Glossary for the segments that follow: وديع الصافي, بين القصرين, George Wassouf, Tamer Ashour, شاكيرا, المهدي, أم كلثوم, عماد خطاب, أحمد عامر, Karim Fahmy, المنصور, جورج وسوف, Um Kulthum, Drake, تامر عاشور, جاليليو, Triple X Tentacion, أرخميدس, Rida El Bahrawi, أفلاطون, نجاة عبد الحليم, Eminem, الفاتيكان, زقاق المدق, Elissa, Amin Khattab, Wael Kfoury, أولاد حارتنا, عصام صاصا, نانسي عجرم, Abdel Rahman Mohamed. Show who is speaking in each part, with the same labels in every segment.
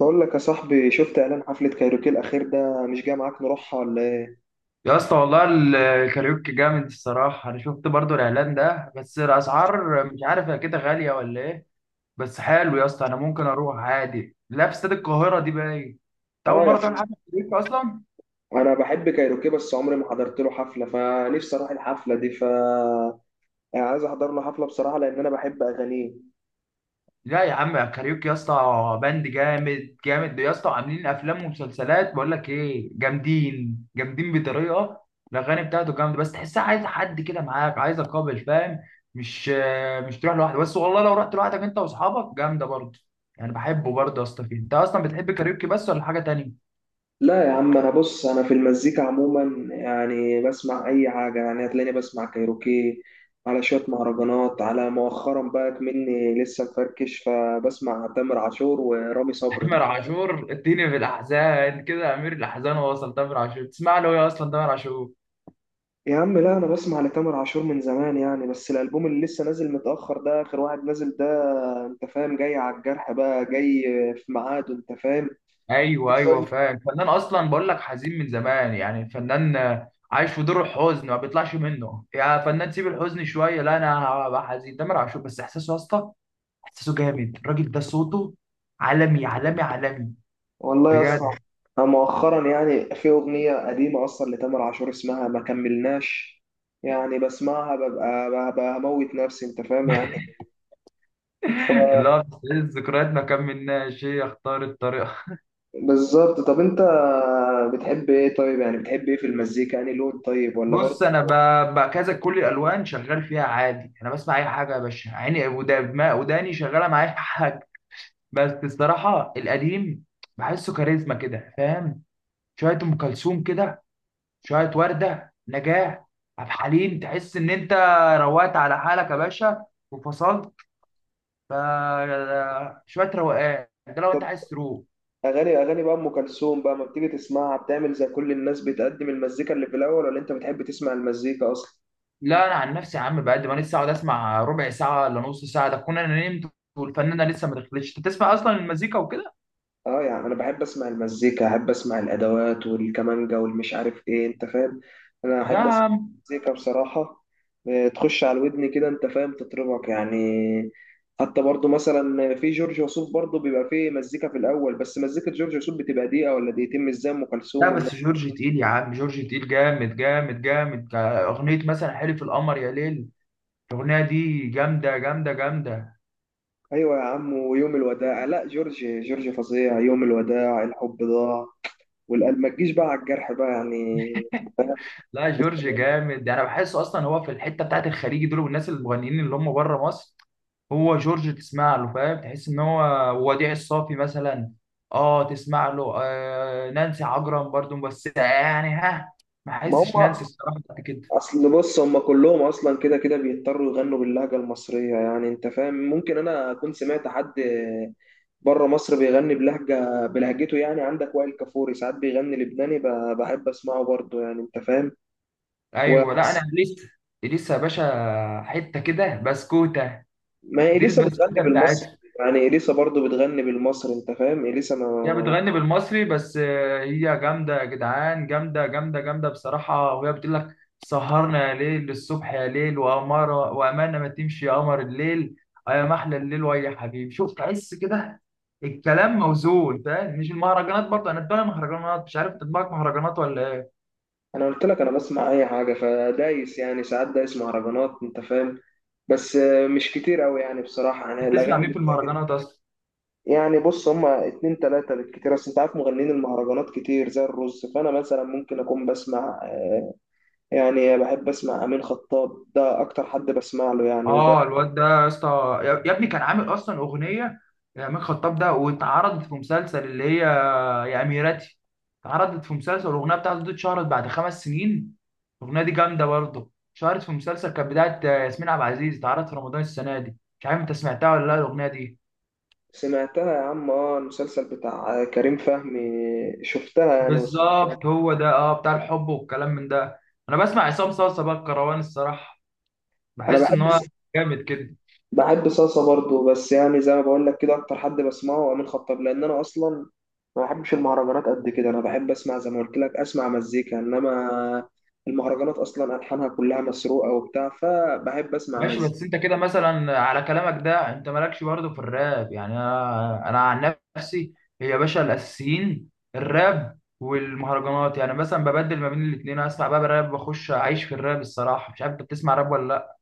Speaker 1: بقول لك يا صاحبي، شفت اعلان حفلة كايروكي الاخير ده؟ مش جاي معاك نروحها ولا ايه؟
Speaker 2: يا اسطى والله الكاريوكي جامد الصراحة، أنا شفت برضو الإعلان ده، بس الأسعار مش عارف هي كده غالية ولا إيه؟ بس حلو يا اسطى، أنا ممكن أروح عادي. لا، في استاد القاهرة دي باين. أنت أول
Speaker 1: اه يا
Speaker 2: مرة
Speaker 1: عم،
Speaker 2: تروح حفلة كاريوكي أصلا؟
Speaker 1: انا بحب كايروكي بس عمري ما حضرت له حفلة، فنفسي اروح الحفلة دي. يعني عايز احضر له حفلة بصراحة، لان انا بحب اغانيه.
Speaker 2: لا يا عم، كاريوكي يا اسطى باند جامد جامد يا اسطى، عاملين افلام ومسلسلات. بقول لك ايه؟ جامدين جامدين بطريقه. الاغاني بتاعته جامده، بس تحسها عايز حد كده معاك، عايز قابل، فاهم؟ مش مش تروح لوحدك بس، والله لو رحت لوحدك انت واصحابك جامده برضه. يعني بحبه برضه يا اسطى. فيه انت اصلا بتحب كاريوكي بس ولا حاجه تانية؟
Speaker 1: لا يا عم، انا بص، انا في المزيكا عموما يعني بسمع اي حاجة، يعني هتلاقيني بسمع كايروكي، على شوية مهرجانات، على مؤخرا بقى مني لسه مفركش، فبسمع تامر عاشور ورامي صبري.
Speaker 2: تامر عاشور اديني في الاحزان كده، امير الاحزان وصل تامر عاشور. تسمع له ايه اصلا تامر عاشور؟
Speaker 1: يا عم لا، انا بسمع لتامر عاشور من زمان يعني، بس الالبوم اللي لسه نازل متاخر ده اخر واحد نازل ده. انت فاهم؟ جاي على الجرح بقى، جاي في ميعاده، انت فاهم؟ في
Speaker 2: ايوه ايوه
Speaker 1: شويه.
Speaker 2: فاهم. الفنان اصلا بقول لك حزين من زمان، يعني الفنان عايش في دور الحزن ما بيطلعش منه. يا فنان سيب الحزن شويه، لا انا هبقى حزين. تامر عاشور بس احساسه يا اسطى، احساسه جامد. الراجل ده صوته عالمي عالمي عالمي،
Speaker 1: والله يا اسطى،
Speaker 2: بجد.
Speaker 1: أنا مؤخرا يعني في اغنيه قديمه اصلا لتامر عاشور اسمها ما كملناش، يعني بسمعها ببقى، ببقى هموت نفسي، انت فاهم يعني. ف-
Speaker 2: اللي هو بتستعيد الذكريات، ما كملناش، هي اختار الطريقه.
Speaker 1: بالظبط. طب انت بتحب ايه طيب؟ يعني بتحب ايه في المزيكا؟ يعني لون طيب ولا
Speaker 2: بص،
Speaker 1: برضه
Speaker 2: انا كذا كل الالوان شغال فيها عادي. انا بسمع اي حاجه يا باشا، عيني وداني شغاله معايا حاجه. بس الصراحه القديم بحسه كاريزما كده، فاهم؟ شويه ام كلثوم كده، شويه ورده، نجاه، عبد الحليم. تحس ان انت روقت على حالك يا باشا، وفصلت. ف شويه روقان ده لو انت عايز تروح.
Speaker 1: اغاني؟ اغاني بقى ام كلثوم بقى ما بتيجي تسمعها؟ بتعمل زي كل الناس، بتقدم المزيكا اللي في الاول ولا انت بتحب تسمع المزيكا اصلا؟
Speaker 2: لا، انا عن نفسي يا عم بقد ما لسه اقعد اسمع ربع ساعه ولا نص ساعه، ده كنا انا نمت والفنانه لسه ما دخلتش. انت بتسمع اصلا المزيكا وكده؟
Speaker 1: اه يعني انا بحب اسمع المزيكا، احب اسمع الادوات والكمانجا والمش عارف ايه، انت فاهم؟ انا
Speaker 2: لا يا
Speaker 1: احب اسمع
Speaker 2: عم.
Speaker 1: المزيكا بصراحه. تخش على ودني كده انت فاهم، تطربك يعني. حتى برضو مثلا في جورج وسوف، برضو بيبقى فيه مزيكا في الاول، بس مزيكه جورج وسوف بتبقى دقيقه ولا دقيقتين مش زي ام
Speaker 2: لا
Speaker 1: كلثوم والناس.
Speaker 2: بس جورج تقيل يا عم، جورج تقيل جامد جامد جامد. اغنيه مثلا حلف القمر يا ليل، الاغنيه دي جامده جامده جامده.
Speaker 1: ايوه يا عم، ويوم الوداع، لا جورج، جورج فظيع. يوم الوداع الحب ضاع والقلب ما تجيش بقى على الجرح بقى يعني. فاهم؟
Speaker 2: لا
Speaker 1: لسه
Speaker 2: جورج
Speaker 1: بقول لك.
Speaker 2: جامد، انا بحسه اصلا هو في الحته بتاعت الخليج دول والناس المغنيين اللي هم بره مصر. هو جورج تسمع له فاهم، تحس ان هو وديع الصافي مثلا. اه تسمع له. آه نانسي عجرم برضو، بس يعني ها، ما
Speaker 1: ما
Speaker 2: احسش نانسي
Speaker 1: هم
Speaker 2: الصراحه بتاعت كده.
Speaker 1: اصل بص، هم كلهم اصلا كده كده بيضطروا يغنوا باللهجه المصريه، يعني انت فاهم، ممكن انا اكون سمعت حد بره مصر بيغني بلهجه، بلهجته يعني. عندك وائل كفوري ساعات بيغني لبناني، بحب اسمعه برضه يعني، انت فاهم؟
Speaker 2: ايوه. لا انا
Speaker 1: وحس.
Speaker 2: لسه يا باشا حته كده بسكوته،
Speaker 1: ما هي
Speaker 2: دي
Speaker 1: اليسا بتغني
Speaker 2: البسكوته
Speaker 1: بالمصري،
Speaker 2: بتاعتهم.
Speaker 1: يعني اليسا برضه بتغني بالمصري، انت فاهم؟ اليسا ما.
Speaker 2: هي بتغني بالمصري، بس هي جامدة يا جدعان جامدة جامدة جامدة بصراحة. وهي بتقول لك: سهرنا يا ليل للصبح يا ليل، وأمارة وأمانة ما تمشي يا قمر الليل، آه يا محلى الليل، ويا حبيبي شوف. تحس كده الكلام موزون، فاهم؟ مش المهرجانات برضه، أنا بتابع مهرجانات. مش عارف تطبيقك مهرجانات ولا إيه؟
Speaker 1: انا قلت لك انا بسمع اي حاجه، فدايس يعني، ساعات دايس مهرجانات انت فاهم. بس مش كتير قوي يعني بصراحه، يعني
Speaker 2: بتسمع
Speaker 1: الاغاني
Speaker 2: مين
Speaker 1: اللي
Speaker 2: في
Speaker 1: بتعجب.
Speaker 2: المهرجانات أصلا؟
Speaker 1: يعني بص، هما اتنين تلاته بالكتير، اصل انت عارف مغنيين المهرجانات كتير زي الرز، فانا مثلا ممكن اكون بسمع، يعني بحب اسمع امين خطاب، ده اكتر حد بسمع له يعني. وبرضه
Speaker 2: آه الواد ده يا اسطى، يا ابني كان عامل أصلا أغنية، يا عماد خطاب ده، واتعرضت في مسلسل اللي هي يا اميرتي. اتعرضت في مسلسل، الاغنيه بتاعته دي اتشهرت بعد 5 سنين. الاغنيه دي جامده برضه، اتشهرت في مسلسل كانت بدايه ياسمين عبد العزيز، اتعرضت في رمضان السنه دي. مش عارف انت سمعتها ولا لا الاغنيه دي؟
Speaker 1: سمعتها يا عم، اه المسلسل بتاع كريم فهمي شفتها يعني وسمعتها.
Speaker 2: بالظبط، هو ده، اه بتاع الحب والكلام من ده. انا بسمع عصام صاصا بقى الكروان الصراحه،
Speaker 1: انا
Speaker 2: بحس ان
Speaker 1: بحب،
Speaker 2: هو جامد كده.
Speaker 1: بحب صلصة برضو، بس يعني زي ما بقول لك كده اكتر حد بسمعه هو امين خطاب، لان انا اصلا ما بحبش المهرجانات قد كده. انا بحب اسمع زي ما قلت لك، اسمع مزيكا، انما المهرجانات اصلا الحانها كلها مسروقه وبتاع، فبحب اسمع
Speaker 2: ماشي.
Speaker 1: مزيكا.
Speaker 2: بس انت كده مثلا على كلامك ده انت مالكش برضه في الراب يعني؟ انا عن نفسي يا باشا، الاساسيين الراب والمهرجانات. يعني مثلا ببدل ما بين الاثنين، اسمع بقى راب واخش اعيش في الراب الصراحه. مش عارف انت بتسمع راب ولا لا؟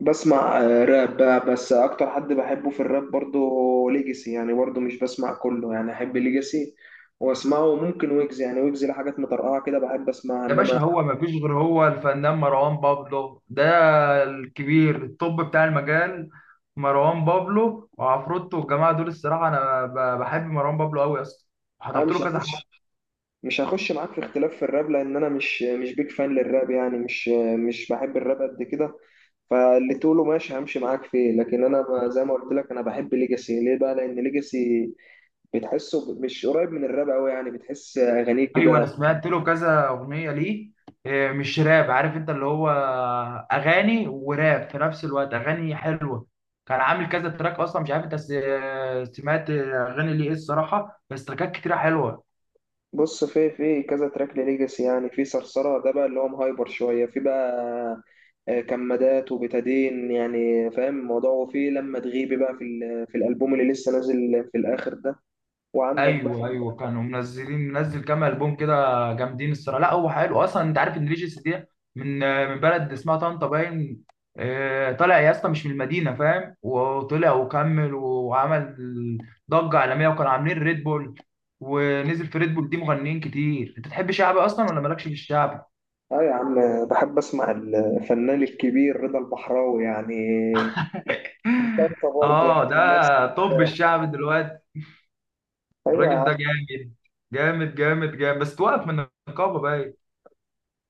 Speaker 1: بسمع راب بقى، بس اكتر حد بحبه في الراب برضو ليجاسي، يعني برضو مش بسمع كله يعني، احب ليجاسي واسمعه، ممكن ويجز يعني، ويجز لحاجات مطرقعه كده بحب اسمعها.
Speaker 2: يا
Speaker 1: انما
Speaker 2: باشا، هو ما فيش غير هو الفنان مروان بابلو ده، الكبير الطب بتاع المجال. مروان بابلو وعفروتو والجماعه دول الصراحه. انا بحب مروان بابلو قوي يا اسطى،
Speaker 1: انا
Speaker 2: حضرت
Speaker 1: مش
Speaker 2: له كذا حاجه.
Speaker 1: هخش، مش هخش معاك في اختلاف في الراب، لان انا مش بيك فان للراب يعني، مش بحب الراب قد كده. فاللي تقوله ماشي، همشي معاك فيه، لكن انا زي ما قلت لك، انا بحب ليجاسي ليه بقى؟ لان ليجاسي بتحسه مش قريب من الراب قوي يعني، بتحس اغانيه
Speaker 2: ايوه انا
Speaker 1: كده.
Speaker 2: سمعت له كذا اغنيه ليه، مش راب، عارف انت اللي هو اغاني وراب في نفس الوقت، اغاني حلوه. كان عامل كذا تراك اصلا، مش عارف انت سمعت اغاني ليه ايه الصراحه، بس تراكات كتيره حلوه.
Speaker 1: بص في في كذا تراك لليجاسي، يعني في صرصره ده بقى اللي هو مهايبر شويه، في بقى كمادات وبتادين، يعني فاهم الموضوع، وفي لما تغيبي بقى في في الالبوم اللي لسه نازل في الاخر ده. وعندك بقى
Speaker 2: ايوه ايوه كانوا منزلين، منزل كام البوم كده، جامدين الصراحه. لا هو حلو اصلا، انت عارف ان ريجيس دي من من بلد اسمها طنطا باين. طالع يا اسطى مش من المدينه فاهم، وطلع وكمل وعمل ضجه عالميه. وكانوا عاملين ريد بول، ونزل في ريد بول دي مغنيين كتير. انت تحب شعبي اصلا ولا مالكش في الشعب؟
Speaker 1: اه يا عم، بحب اسمع الفنان الكبير رضا البحراوي يعني، من طنطا برضه
Speaker 2: اه
Speaker 1: يعني،
Speaker 2: ده
Speaker 1: من نفس.
Speaker 2: طب الشعب دلوقتي.
Speaker 1: ايوه يا
Speaker 2: الراجل
Speaker 1: عم.
Speaker 2: ده جامد جامد جامد جامد، بس توقف من النقابه باين.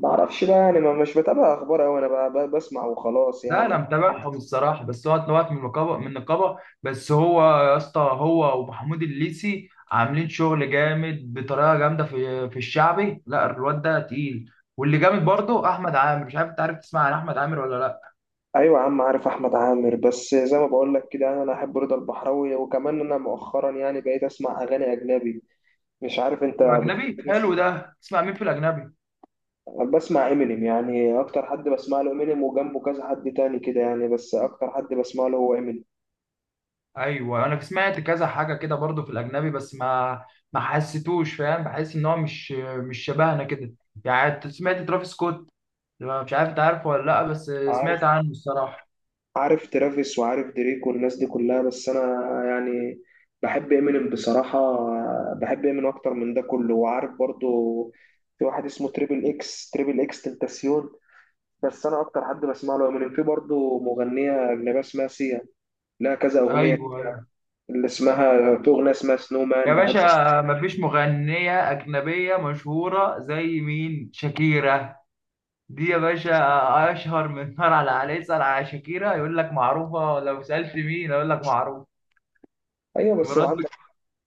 Speaker 1: ما اعرفش بقى يعني، ما مش بتابع اخبار اوي انا، بقى بقى بسمع وخلاص
Speaker 2: ده انا
Speaker 1: يعني.
Speaker 2: متابعهم الصراحه، بس هو اتنوعت من النقابه بس هو يا اسطى هو ومحمود الليثي عاملين شغل جامد بطريقه جامده في الشعبي. لا الواد ده تقيل. واللي جامد برضه احمد عامر، مش عارف انت عارف تسمع عن احمد عامر ولا لا؟
Speaker 1: ايوه يا عم، عارف احمد عامر، بس زي ما بقول لك كده انا احب رضا البحراوي. وكمان انا مؤخرا يعني بقيت اسمع اغاني اجنبي، مش عارف انت
Speaker 2: الاجنبي
Speaker 1: بتحب تسمع؟
Speaker 2: حلو ده، تسمع مين في الاجنبي؟
Speaker 1: بسمع امينيم يعني، اكتر حد بسمع له امينيم، وجنبه كذا حد تاني كده يعني، بس اكتر حد بسمع له هو امينيم.
Speaker 2: ايوه انا سمعت كذا حاجه كده برضه في الاجنبي، بس ما حسيتوش، فاهم؟ بحس ان هو مش شبهنا كده. يعني أنت سمعت ترافيس سكوت؟ مش عارف انت عارفه ولا لا، بس
Speaker 1: عارف،
Speaker 2: سمعت عنه الصراحه.
Speaker 1: عارف ترافيس وعارف دريك والناس دي كلها، بس انا يعني بحب امينيم بصراحه. بحب امينيم اكتر من ده كله. وعارف برضو في واحد اسمه تريبل اكس، تريبل اكس تنتاسيون، بس انا اكتر حد بسمع له امينيم. في برضو مغنيه اجنبيه اسمها سيا، لها كذا اغنيه
Speaker 2: ايوه ايوه.
Speaker 1: اللي اسمها، في اغنيه اسمها سنو
Speaker 2: يا
Speaker 1: مان بحب أسمعها.
Speaker 2: باشا، مفيش مغنية أجنبية مشهورة زي مين؟ شاكيرا دي يا باشا أشهر من نار على عليه. اسأل على شاكيرا يقول لك معروفة، لو سألت مين أقول لك معروف.
Speaker 1: ايوه بس
Speaker 2: مرات
Speaker 1: وعندك،
Speaker 2: بك.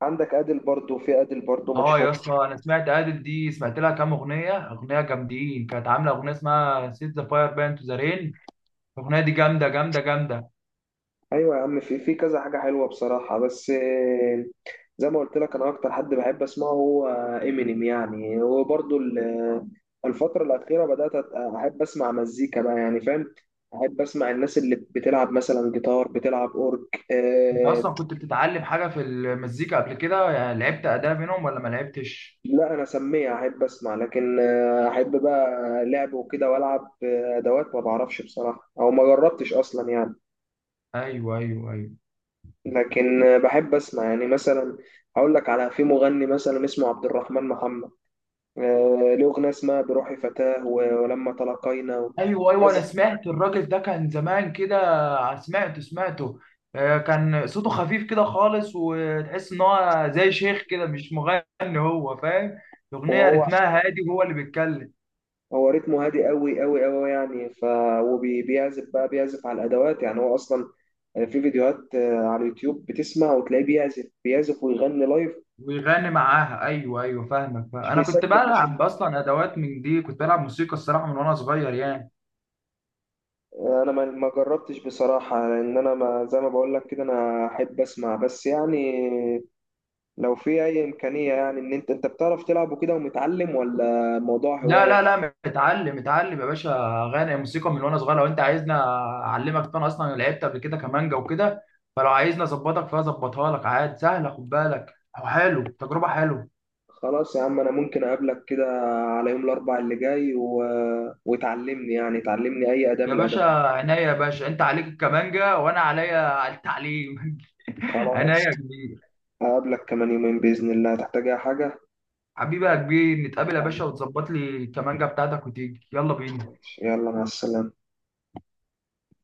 Speaker 1: عندك ادل برضو، في ادل برضو
Speaker 2: آه
Speaker 1: مشهور.
Speaker 2: يا اسطى، أنا سمعت أدل دي، سمعت لها كام أغنية، أغنية جامدين. كانت عاملة أغنية اسمها سيت ذا فاير بان تو ذا رين، الأغنية دي جامدة جامدة جامدة.
Speaker 1: ايوه يا عم، في في كذا حاجه حلوه بصراحه، بس زي ما قلت لك انا اكتر حد بحب اسمعه هو امينيم يعني. وبرضه الفتره الاخيره بدات احب اسمع مزيكا بقى، يعني فاهم، احب اسمع الناس اللي بتلعب مثلا جيتار، بتلعب اورج.
Speaker 2: أنت
Speaker 1: أه
Speaker 2: أصلا كنت بتتعلم حاجة في المزيكا قبل كده؟ يعني لعبت أداة منهم ولا ما لعبتش؟
Speaker 1: لا، انا سميع، احب اسمع، لكن احب بقى لعب وكده، والعب ادوات ما بعرفش بصراحه، او ما جربتش اصلا يعني.
Speaker 2: أيوه أيوه أيوه.
Speaker 1: لكن بحب اسمع يعني، مثلا هقول لك على، في مغني مثلا اسمه عبد الرحمن محمد، له أغنية اسمها بروحي فتاة ولما تلاقينا
Speaker 2: ايوه ايوه انا
Speaker 1: كذا.
Speaker 2: سمعت الراجل ده كان زمان كده، سمعته سمعته. كان صوته خفيف كده خالص، وتحس ان هو زي شيخ كده مش مغني هو، فاهم؟ الاغنيه
Speaker 1: وهو،
Speaker 2: رتمها هادي، وهو اللي بيتكلم
Speaker 1: هو رتمه هادي قوي قوي قوي يعني. وبيعزف بقى، بيعزف على الأدوات يعني، هو أصلا في فيديوهات على اليوتيوب بتسمع وتلاقيه بيعزف، بيعزف ويغني لايف،
Speaker 2: ويغني معاها. ايوه ايوه فاهمك فاهم.
Speaker 1: مش
Speaker 2: انا كنت
Speaker 1: بيسجل. مش
Speaker 2: بلعب اصلا ادوات من دي، كنت بلعب موسيقى الصراحه من وانا صغير يعني.
Speaker 1: انا ما جربتش بصراحة، لان انا ما زي ما بقول لك كده انا احب اسمع بس يعني. لو في اي امكانية يعني، ان انت، انت بتعرف تلعب وكده ومتعلم، ولا موضوع
Speaker 2: لا
Speaker 1: هواية؟
Speaker 2: لا لا، متعلم متعلم يا باشا. غنى موسيقى من وانا صغير، لو انت عايزنا اعلمك انا اصلا لعبت قبل كده كمانجا وكده، فلو عايزني اظبطك فيها اظبطها لك عادي، سهله. خد بالك، حلو، تجربه حلوه.
Speaker 1: خلاص يا عم، انا ممكن اقابلك كده على يوم الاربع اللي جاي و... وتعلمني يعني، تعلمني اي اداة من
Speaker 2: يا باشا
Speaker 1: الادوات.
Speaker 2: عينيا، يا باشا انت عليك الكمانجا وانا عليا التعليم. عينيا
Speaker 1: خلاص،
Speaker 2: يا كبير.
Speaker 1: هقابلك كمان يومين باذن الله، هتحتاج اي حاجه؟
Speaker 2: حبيبي يا كبير، نتقابل يا باشا وتظبط لي الكمانجا بتاعتك، وتيجي يلا بينا.
Speaker 1: يلا مع السلامه.